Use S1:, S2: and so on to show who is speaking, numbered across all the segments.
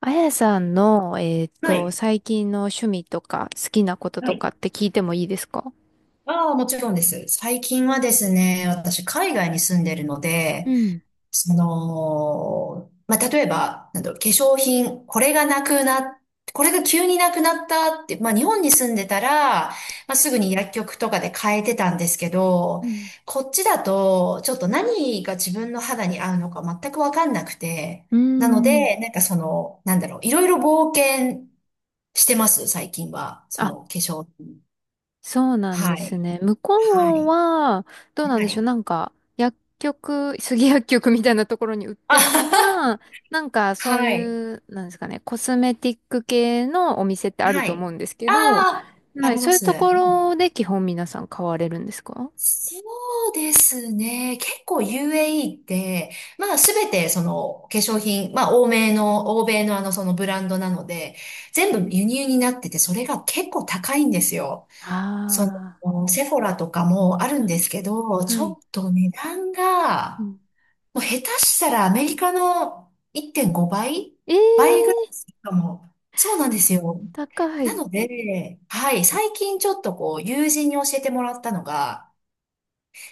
S1: あやさんの、
S2: はい。
S1: 最近の趣味とか好きなこと
S2: は
S1: とか
S2: い。
S1: って聞いてもいいですか？
S2: ああ、もちろんです。最近はですね、私、海外に住んでるの
S1: う
S2: で、
S1: ん。
S2: その、まあ、例えば、なんだろう、化粧品、これが急になくなったって、まあ、日本に住んでたら、まあ、すぐに薬局とかで買えてたんですけど、
S1: うん。
S2: こっちだと、ちょっと何が自分の肌に合うのか全くわかんなくて、
S1: うー
S2: なの
S1: ん。
S2: で、なんかその、なんだろう、いろいろ冒険してます、最近は。そ
S1: あ、
S2: の化粧品。
S1: そうなんで
S2: は
S1: す
S2: い。
S1: ね。向
S2: は
S1: こう
S2: い。
S1: は、どうなん
S2: は
S1: でしょう。
S2: い。
S1: なんか、薬局、杉薬局みたいなところに売って
S2: あ
S1: るの
S2: は
S1: か、なんか
S2: は。
S1: そう
S2: はい。
S1: いう、なんですかね、コスメティック系のお店ってある
S2: は
S1: と思
S2: い。
S1: うんですけ
S2: あ
S1: ど、
S2: あ、あ
S1: はい、
S2: り
S1: そ
S2: ま
S1: ういう
S2: す。は
S1: と
S2: い。
S1: ころで基本皆さん買われるんですか？
S2: そうですね。結構 UAE って、まあすべてその化粧品、まあ欧米のあのそのブランドなので、全部輸入になってて、それが結構高いんですよ。そ
S1: あ
S2: の、セフォラとかもある
S1: あ
S2: ん
S1: ー、
S2: ですけど、
S1: は
S2: ち
S1: い。は
S2: ょ
S1: い。
S2: っと値段
S1: う
S2: が、
S1: ん。
S2: もう下手したらアメリカの1.5倍
S1: え
S2: ぐらい
S1: え、
S2: するかも。そうなんですよ。
S1: 高
S2: な
S1: い。
S2: ので、はい、最近ちょっとこう、友人に教えてもらったのが、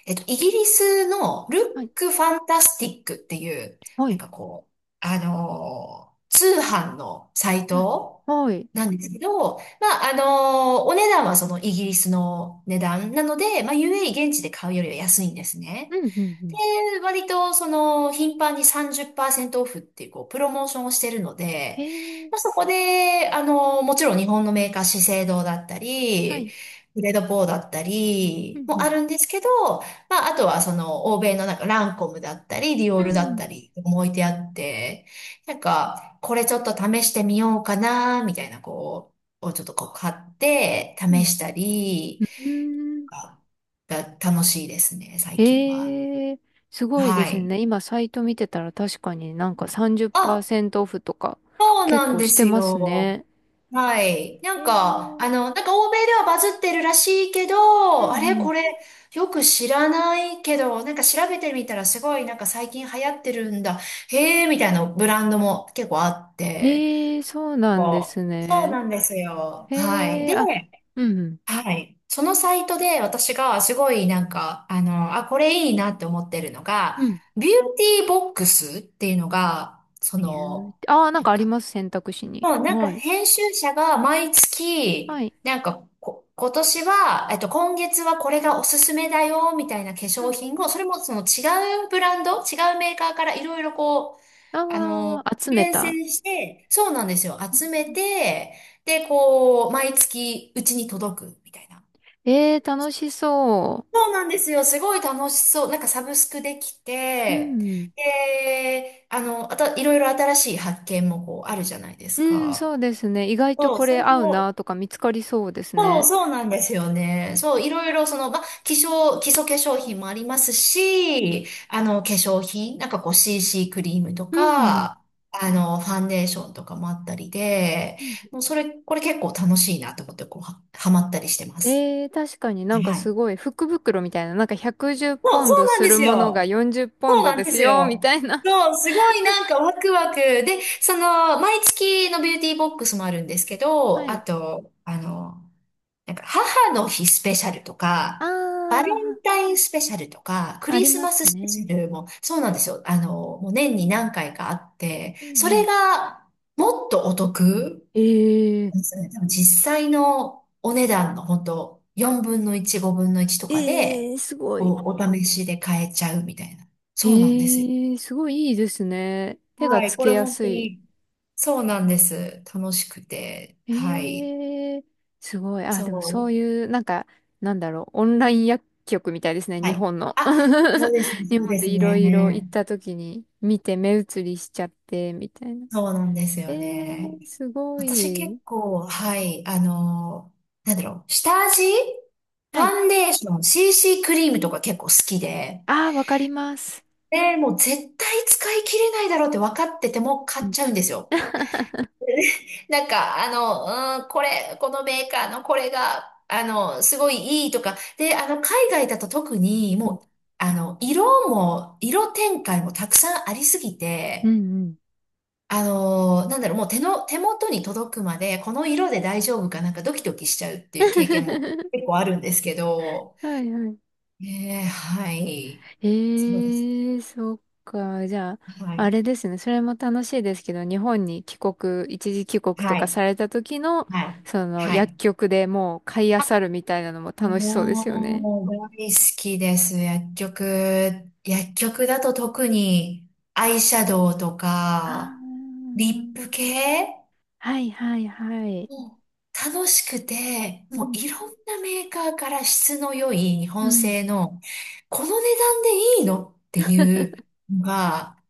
S2: イギリスのルッ
S1: はい。
S2: クファンタスティックっていう、
S1: は
S2: なん
S1: い。
S2: かこう、通販のサイ
S1: はい。
S2: ト
S1: はい。
S2: なんですけど、まあ、お値段はそのイギリスの値段なので、まあ、UAE 現地で買うよりは安いんです
S1: う
S2: ね。
S1: ん、うん、うん。
S2: で、割と、その、頻繁に30%オフっていう、こう、プロモーションをしてるの
S1: へ
S2: で、
S1: え、
S2: まあ、そこで、あの、もちろん日本のメーカー、資生堂だった
S1: は
S2: り、
S1: い。
S2: グレードポーだった
S1: う
S2: り
S1: ん、う
S2: もあ
S1: ん。
S2: るんですけど、まあ、あとはその、欧米のなんか、ランコムだったり、ディオ
S1: う
S2: ールだっ
S1: ん、
S2: たり、置いてあって、なんか、これちょっと試してみようかな、みたいな、こう、をちょっとこう、買って、
S1: う
S2: 試
S1: ん。
S2: したり、
S1: うん。うーん。
S2: がが楽しいですね、最近は。
S1: へえ、すごいで
S2: は
S1: す
S2: い。
S1: ね。今、サイト見てたら確かになんか
S2: あ、
S1: 30%オフとか
S2: そう
S1: 結
S2: なん
S1: 構
S2: で
S1: して
S2: す
S1: ます
S2: よ。
S1: ね。
S2: はい。な
S1: へ
S2: んか、
S1: え、
S2: あの、なんか欧米ではバズってるらしいけ
S1: うん、
S2: ど、あれ
S1: うん。
S2: これよく知らないけど、なんか調べてみたらすごいなんか最近流行ってるんだ。へえ、みたいなブランドも結構あって。
S1: ええ、そうなんで
S2: そ
S1: す
S2: うそう
S1: ね。
S2: なんですよ。
S1: へ
S2: はい。
S1: え、
S2: で、
S1: あ、うん、うん。
S2: はい。そのサイトで私がすごいなんか、あの、あ、これいいなって思ってるの
S1: う
S2: が、
S1: ん。
S2: ビューティーボックスっていうのが、そ
S1: ビュー
S2: の、
S1: ティああー、なん
S2: な
S1: か
S2: ん
S1: あり
S2: か、
S1: ます、選択肢に。
S2: もうなんか
S1: はい。
S2: 編集者が毎
S1: は
S2: 月、
S1: い。
S2: なんかこ、今年は、今月はこれがおすすめだよ、みたいな化
S1: う
S2: 粧
S1: ん。
S2: 品を、それもその違うブランド、違うメーカーからいろいろこう、あ
S1: あ
S2: の、
S1: あ、集め
S2: 厳
S1: た。
S2: 選して、そうなんですよ。集めて、で、こう、毎月うちに届く、みたいな。
S1: えー、楽しそ
S2: そうなんですよ。すごい楽しそう。なんかサブスクでき
S1: う。う
S2: て、
S1: ん。
S2: で、あの、あと、いろいろ新しい発見もこう、あるじゃないで
S1: う
S2: す
S1: ん、そ
S2: か。
S1: うですね。意外と
S2: そう、
S1: こ
S2: そ
S1: れ
S2: れ
S1: 合う
S2: を
S1: なとか見つかりそうです
S2: そう、
S1: ね。
S2: そうなんですよね。そう、いろいろその、まあ、化粧、基礎化粧品もあります
S1: うん。
S2: し、あの、化粧品、なんかこう CC クリームと
S1: うん。
S2: か、あの、ファンデーションとかもあったりで、
S1: うん。
S2: もうそれ、これ結構楽しいなと思って、こう、はまったりしてます。
S1: えー、確かになんか
S2: は
S1: す
S2: い。
S1: ごい福袋みたいな、なんか110
S2: そ
S1: ポ
S2: う、
S1: ン
S2: そ
S1: ド
S2: うなん
S1: す
S2: で
S1: る
S2: す
S1: ものが
S2: よ。
S1: 40ポ
S2: そ
S1: ン
S2: う
S1: ド
S2: なん
S1: で
S2: で
S1: す
S2: す
S1: よ、み
S2: よ。
S1: たいな。
S2: そう、すごいなんかワクワク。で、その、毎月のビューティーボックスもあるんですけ
S1: は
S2: ど、あ
S1: い。
S2: と、あの、なんか母の日スペシャルとか、
S1: あ
S2: バレン
S1: ー、
S2: タインスペシャルとか、ク
S1: あ
S2: リ
S1: り
S2: ス
S1: ま
S2: マ
S1: す
S2: ススペシャ
S1: ね。
S2: ルもそうなんですよ。あの、もう年に何回かあって、
S1: うんう
S2: それ
S1: ん。
S2: がもっとお得
S1: えー、
S2: なんですよね。多分実際のお値段の本当4分の1、5分の1とか
S1: え
S2: で、
S1: えー、すごい。
S2: お試しで買えちゃうみたいな。
S1: え
S2: そうなんですよ。
S1: ー、すごいいいですね。手が
S2: は
S1: つ
S2: い。こ
S1: け
S2: れ
S1: や
S2: 本
S1: す
S2: 当
S1: い。
S2: に、そうなんです。楽しくて。はい。
S1: ええ、すごい。あ、
S2: そ
S1: でもそう
S2: う。
S1: いう、なんか、なんだろう、オンライン薬局みたいですね、
S2: は
S1: 日
S2: い。
S1: 本の。
S2: あ、そうですね。
S1: 日
S2: そう
S1: 本
S2: で
S1: で
S2: す
S1: いろいろ行っ
S2: ね。
S1: た時に見て目移りしちゃって、みたいな。
S2: そうなんです
S1: え
S2: よね。
S1: え、すご
S2: 私結
S1: い。
S2: 構、はい、あの、なんだろう、下味フ
S1: は
S2: ァ
S1: い。
S2: ンデーション、CC クリームとか結構好きで、
S1: ああ、わかります。
S2: で、もう絶対使い切れないだろうって分かってても買
S1: う
S2: っ
S1: ん、
S2: ちゃうんですよ。なんか、あの、うん、これ、このメーカーのこれが、あの、すごいいいとか、で、あの、海外だと特に
S1: うん、
S2: もう、あの、色も、色展開もたくさんありすぎ
S1: うん
S2: て、
S1: うん。
S2: あのーなんだろう、もう手元に届くまで、この色で大丈夫かなんかドキドキしちゃうっていう経験も 結構あるんですけど、
S1: はいはい。
S2: ねえー、はい。そうです
S1: ええ、そっか。じゃあ、
S2: ね。は
S1: あ
S2: い。
S1: れですね。それも楽しいですけど、日本に帰国、一時帰国と
S2: は
S1: か
S2: い。
S1: された時の、
S2: はい。
S1: その
S2: は
S1: 薬
S2: い。
S1: 局でもう買い漁るみたいなのも楽しそうですよね。
S2: もう、大好きです。薬局。薬局だと特に、アイシャドウと
S1: あ
S2: か、
S1: ー、
S2: リップ系
S1: はいはいはい。
S2: もう楽しくて、
S1: う
S2: もう
S1: ん。
S2: いろんなメーカーから質の良い日
S1: う
S2: 本
S1: ん。
S2: 製の、この値段でいいのっていうのが、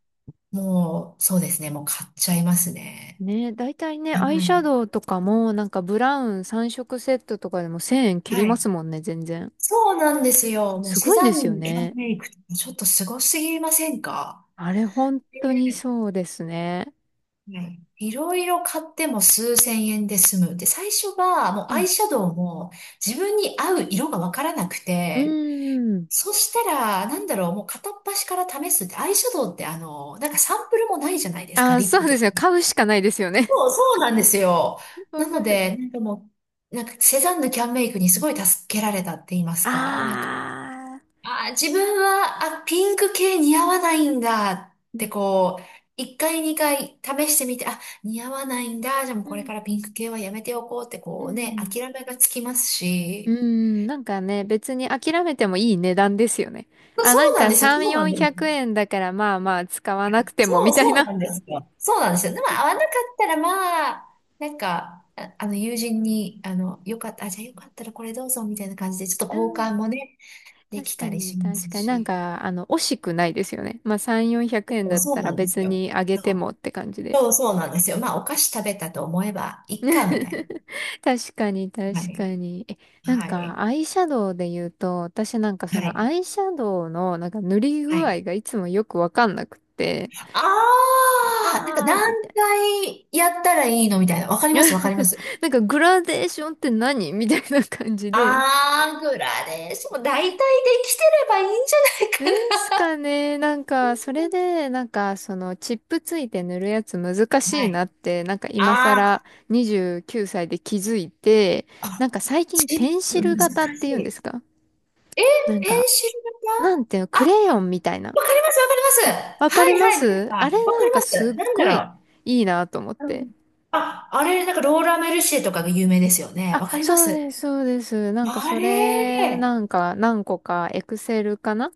S2: もうそうですね、もう買っちゃいますね。
S1: ね、大体ね、アイ
S2: はい。
S1: シャドウとかも、なんかブラウン3色セットとかでも1000円切り
S2: は
S1: ま
S2: い。
S1: すもんね、全然。
S2: そうなんですよ。もう
S1: す
S2: セ
S1: ごいん
S2: ザ
S1: ですよ
S2: ンヌの
S1: ね。
S2: メイクってちょっとすごすぎませんか？
S1: あれ、本当にそうですね。
S2: はい。いろいろ買っても数千円で済む。で、最初はもう
S1: う
S2: ア
S1: ん。
S2: イシャドウも自分に合う色がわからなく
S1: う
S2: て、
S1: ーん。
S2: そしたら、なんだろう、もう片っ端から試すって、アイシャドウってあの、なんかサンプルもないじゃないです
S1: あ
S2: か、
S1: あ、
S2: リッ
S1: そ
S2: プ
S1: うで
S2: とか
S1: すよ。
S2: ね。
S1: 買うしかないですよね。
S2: そう、そうなんですよ。
S1: わ
S2: なの
S1: かる。
S2: で、なんかもう、なんかセザンヌキャンメイクにすごい助けられたって言います
S1: あ
S2: か、なんか、
S1: あ。
S2: あー、自分は、あ、ピンク系似合わないんだっ
S1: う
S2: て
S1: ん。
S2: こう、一回二回試してみて、あ、似合わないんだ、じゃあもう
S1: う
S2: これ
S1: ん。
S2: からピンク系はやめておこうって
S1: う
S2: こうね、
S1: ん
S2: 諦めがつきます
S1: う
S2: し、
S1: ん。なんかね、別に諦めてもいい値段ですよね。あ、
S2: そ
S1: なん
S2: うなん
S1: か
S2: ですよ、
S1: 3、
S2: そうなんで
S1: 400
S2: す。
S1: 円だからまあまあ使わなくても
S2: そ
S1: み
S2: う、
S1: たい
S2: そうな
S1: な。
S2: んですよ。そうなんですよ。でも会わなかったら、まあ、なんか、友人に、あの、よかった、あ、じゃあよかったらこれどうぞ、みたいな感じで、ちょっ
S1: う
S2: と交
S1: ん。
S2: 換もね、で
S1: 確
S2: き
S1: か
S2: たり
S1: に、
S2: しま
S1: 確
S2: す
S1: かに。なん
S2: し。
S1: か、惜しくないですよね。まあ3、400円
S2: そ
S1: だ
S2: う
S1: っ
S2: そう
S1: たら
S2: なんです
S1: 別
S2: よ。
S1: にあげ
S2: そ
S1: てもっ
S2: う、
S1: て感じで。
S2: そうそうなんですよ。まあ、お菓子食べたと思えば、いっか、みたい
S1: 確かに、
S2: な。は
S1: 確か
S2: い。
S1: に。え、なん
S2: はい。
S1: か、アイシャドウで言うと、私なんかそ
S2: は
S1: の
S2: い。
S1: アイシャドウのなんか塗り
S2: は
S1: 具
S2: い。
S1: 合がいつもよくわかんなくて、
S2: あー、なんか
S1: あー、
S2: 何
S1: みたい
S2: 回やったらいいのみたいな。わかり
S1: な。
S2: ます、わかりま す。
S1: なんかグラデーションって何みたいな感じで。
S2: あー、グラデーション、大体できてればいいんじゃ
S1: で
S2: ない
S1: す
S2: かな。
S1: かね。なんか、それで、なんか、その、チップついて塗るやつ難し
S2: は
S1: いな
S2: い。
S1: って、なんか今更
S2: あ
S1: 29歳で気づいて、
S2: ーあ、
S1: なんか最近ペ
S2: チ
S1: ン
S2: ッ
S1: シ
S2: プ
S1: ル
S2: 難し
S1: 型っていうんで
S2: い。
S1: すか？
S2: え、
S1: なん
S2: ペ
S1: か、
S2: ンシル
S1: なん
S2: 型
S1: ていうの、クレヨンみたいな。
S2: わかります、わかります。は
S1: あ、わかり
S2: い、は
S1: ま
S2: い、な
S1: す。
S2: ん
S1: あれ、
S2: か、わ
S1: な
S2: かり
S1: ん
S2: ま
S1: かすっ
S2: す。なんだ
S1: ごい
S2: ろ
S1: いいなと思っ
S2: う。う
S1: て。
S2: んあ、あれ、なんかローラーメルシエとかが有名ですよね。
S1: あ、
S2: わかりま
S1: そう
S2: す。
S1: です、そうです。なんか
S2: あ
S1: それ、
S2: れ、
S1: なんか何個か、エクセルかなっ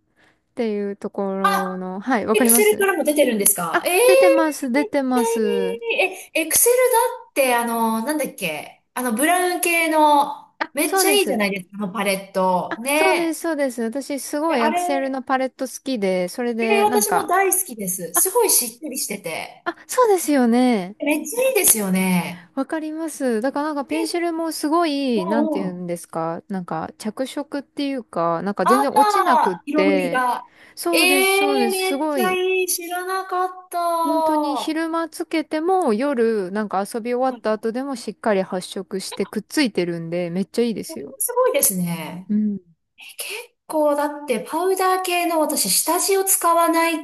S1: ていうとこ
S2: あ、
S1: ろの、はい、わ
S2: エ
S1: か
S2: ク
S1: りま
S2: セルか
S1: す。
S2: らも出てるんですか？
S1: あ、
S2: ええー、
S1: 出てます、
S2: め
S1: 出
S2: っ
S1: て
S2: ちゃ
S1: ます。
S2: いい。え、エクセルだって、あの、なんだっけ、あの、ブラウン系の、
S1: あ、
S2: めっ
S1: そう
S2: ちゃ
S1: で
S2: いいじゃ
S1: す。
S2: ないですか、あのパレット。
S1: あ、そうで
S2: ね。
S1: す、そうです。私す
S2: え
S1: ごい
S2: あ
S1: エクセル
S2: れ、
S1: のパレット好きで、それ
S2: えー、
S1: でなん
S2: 私も
S1: か、
S2: 大好きです。す
S1: あ、
S2: ごいしっとりしてて。
S1: あ、そうですよね。
S2: めっちゃいいですよね。
S1: わかります。だからなんかペンシ
S2: え、
S1: ルもすご
S2: う
S1: い、なんて
S2: んう
S1: 言うん
S2: ん。
S1: ですか、なんか着色っていうか、なんか全
S2: あ
S1: 然落ちなくっ
S2: あ、色のり
S1: て、
S2: が。え
S1: そうです、そうで
S2: ー、
S1: す、
S2: め
S1: す
S2: っ
S1: ご
S2: ちゃ
S1: い。
S2: いい。知らなかった。
S1: 本当に
S2: は
S1: 昼間つけても夜なんか遊び終わった
S2: い。
S1: 後でもしっかり発色してくっついてるんで、めっちゃいいで
S2: こ
S1: す
S2: れも
S1: よ。
S2: すごいですね。
S1: うん。
S2: え結構だってパウダー系の私下地を使わない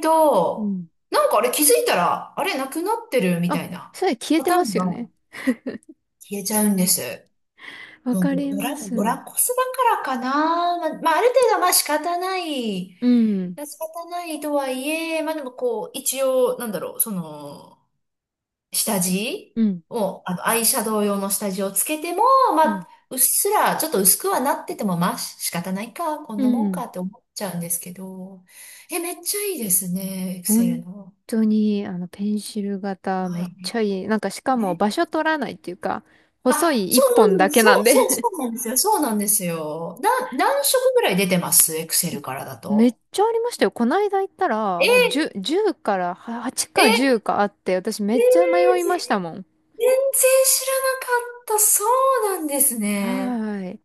S1: う
S2: と、
S1: ん。
S2: なんかあれ気づいたら、あれなくなってるみた
S1: あ、
S2: いな
S1: それ消え
S2: パ
S1: て
S2: ター
S1: ま
S2: ン
S1: す
S2: が
S1: よね。
S2: 消えちゃうんです。
S1: わ
S2: そ
S1: か
S2: う
S1: ります。
S2: ド
S1: う
S2: ラコスだからかな。まあ、まあある程度はまあ仕方ない。
S1: ん。
S2: 仕方ないとはいえ、まあでもこう、一応、なんだろう、その、下地
S1: うん。
S2: を、あの、アイシャドウ用の下地をつけても、
S1: う
S2: ま
S1: ん。
S2: あ、うっすら、ちょっと薄くはなってても、まあ仕方ないか、こん
S1: う
S2: なもん
S1: ん。
S2: かって思っちゃうんですけど。え、めっちゃいいですね、エクセル
S1: 本
S2: の。
S1: 当に、ペンシル型、め
S2: は
S1: っち
S2: い。
S1: ゃいい。なんか、しかも場
S2: ね
S1: 所取らないっていうか、細
S2: あ、
S1: い
S2: そ
S1: 一本だ
S2: う
S1: けな
S2: そ
S1: ん
S2: うそう、
S1: で
S2: そう、そうなんですよ。そうなんですよ。何色ぐらい出てます？エクセ
S1: え、
S2: ルからだ
S1: めっ
S2: と。
S1: ちゃありましたよ。こないだ行った
S2: え、
S1: ら、10、
S2: え、
S1: じゅうからは8
S2: え、え
S1: か10かあって、私め
S2: ー
S1: っちゃ迷いましたもん。
S2: 全然知らなかった。そうなんです
S1: は
S2: ね。
S1: ーい。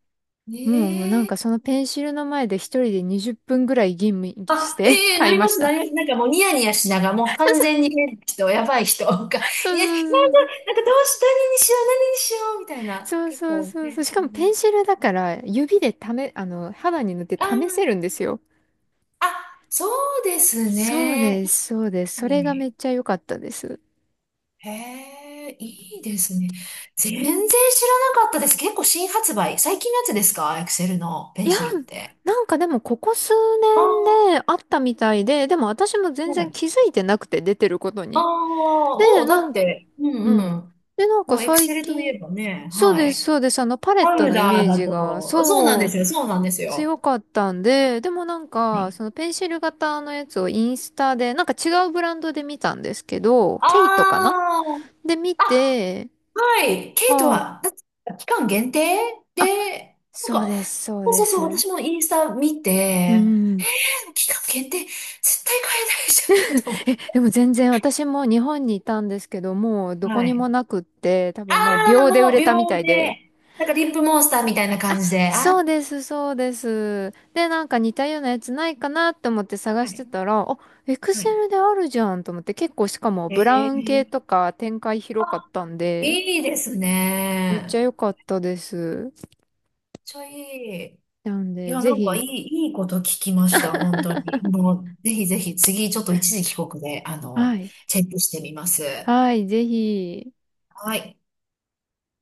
S1: もうなん
S2: え
S1: か
S2: え
S1: そのペンシルの前で一人で20分ぐらい吟味し
S2: あ、
S1: て
S2: ええな
S1: 買い
S2: り
S1: ま
S2: ま
S1: し
S2: す、な
S1: た。
S2: ります。なんかもうニヤニヤしながら、もう完全に変な人、やばい人が、いや、なんか、な
S1: そうそうそう
S2: んかどうし、何に
S1: そう。
S2: しよう、何にしよう、みたいな。
S1: そう
S2: 結
S1: そう
S2: 構
S1: そうそう。
S2: ね。
S1: しかも
S2: う
S1: ペ
S2: ん
S1: ンシルだから指で試、あの、肌に塗って
S2: あ
S1: 試せ
S2: ー、
S1: るんですよ。
S2: あ、そうです
S1: そう
S2: ね。
S1: です、そうです。そ
S2: う
S1: れがめっ
S2: ん
S1: ちゃ良かったです。
S2: へえ、いいですね。全然知らなかったです。結構新発売。最近のやつですか？エクセルのペ
S1: い
S2: ン
S1: や、
S2: シルって。
S1: なんかでもここ数
S2: ああ、
S1: 年であったみたいで、でも私も全
S2: は
S1: 然
S2: い。
S1: 気づいてなくて出てること
S2: あ
S1: に。
S2: あ、も
S1: で、
S2: うだ
S1: な
S2: っ
S1: ん、
S2: て、う
S1: う
S2: んう
S1: ん。
S2: ん。
S1: で、なん
S2: も
S1: か
S2: うエク
S1: 最
S2: セルとい
S1: 近、
S2: えばね、
S1: そう
S2: は
S1: です、
S2: い。
S1: そうです。パレッ
S2: パ
S1: ト
S2: ウ
S1: のイ
S2: ダ
S1: メ
S2: ー
S1: ー
S2: だ
S1: ジが、
S2: と、そうなんで
S1: そ
S2: す
S1: う、
S2: よ、そうなんですよ。
S1: 強かったんで、でもなん
S2: は
S1: か、
S2: い。
S1: そのペンシル型のやつをインスタで、なんか違うブランドで見たんですけど、ケイトか
S2: あ
S1: なで見
S2: あ、あ、
S1: て、
S2: はい。ケイト
S1: あ
S2: は、だって期間限定
S1: あ、
S2: で、なん
S1: そう
S2: か、
S1: です、そう
S2: そう
S1: で
S2: そうそう、
S1: す。
S2: 私もインスタ見
S1: う
S2: て、
S1: ん。
S2: 期間限定、絶対買えないじゃん。
S1: でも全然私も日本にいたんですけど、もうどこ
S2: は
S1: に
S2: い。
S1: もなくって、多
S2: あ
S1: 分もう
S2: あ、
S1: 秒で
S2: も
S1: 売
S2: う
S1: れ
S2: 秒
S1: たみたい
S2: で、
S1: で。
S2: なんかリップモンスターみたいな感じで。あ
S1: そう
S2: あ、
S1: です、そうです。で、なんか似たようなやつないかなって思って探
S2: は
S1: して
S2: い。
S1: たら、あ、エク
S2: は
S1: セ
S2: い。
S1: ルであるじゃんと思って、結構しかもブラウン系
S2: え
S1: と
S2: え
S1: か展開広かったんで、
S2: いいです
S1: めっち
S2: ね。
S1: ゃ
S2: めっ
S1: 良かったです。
S2: ちょいい。
S1: なん
S2: い
S1: で、
S2: や、な
S1: ぜ
S2: んかい
S1: ひ、
S2: い、いいこと聞きました、本当に。もう、ぜひぜひ、次、ちょっと一時帰国で、あ
S1: は
S2: の、
S1: い。
S2: チェックしてみます。
S1: はい、ぜひ。
S2: はい。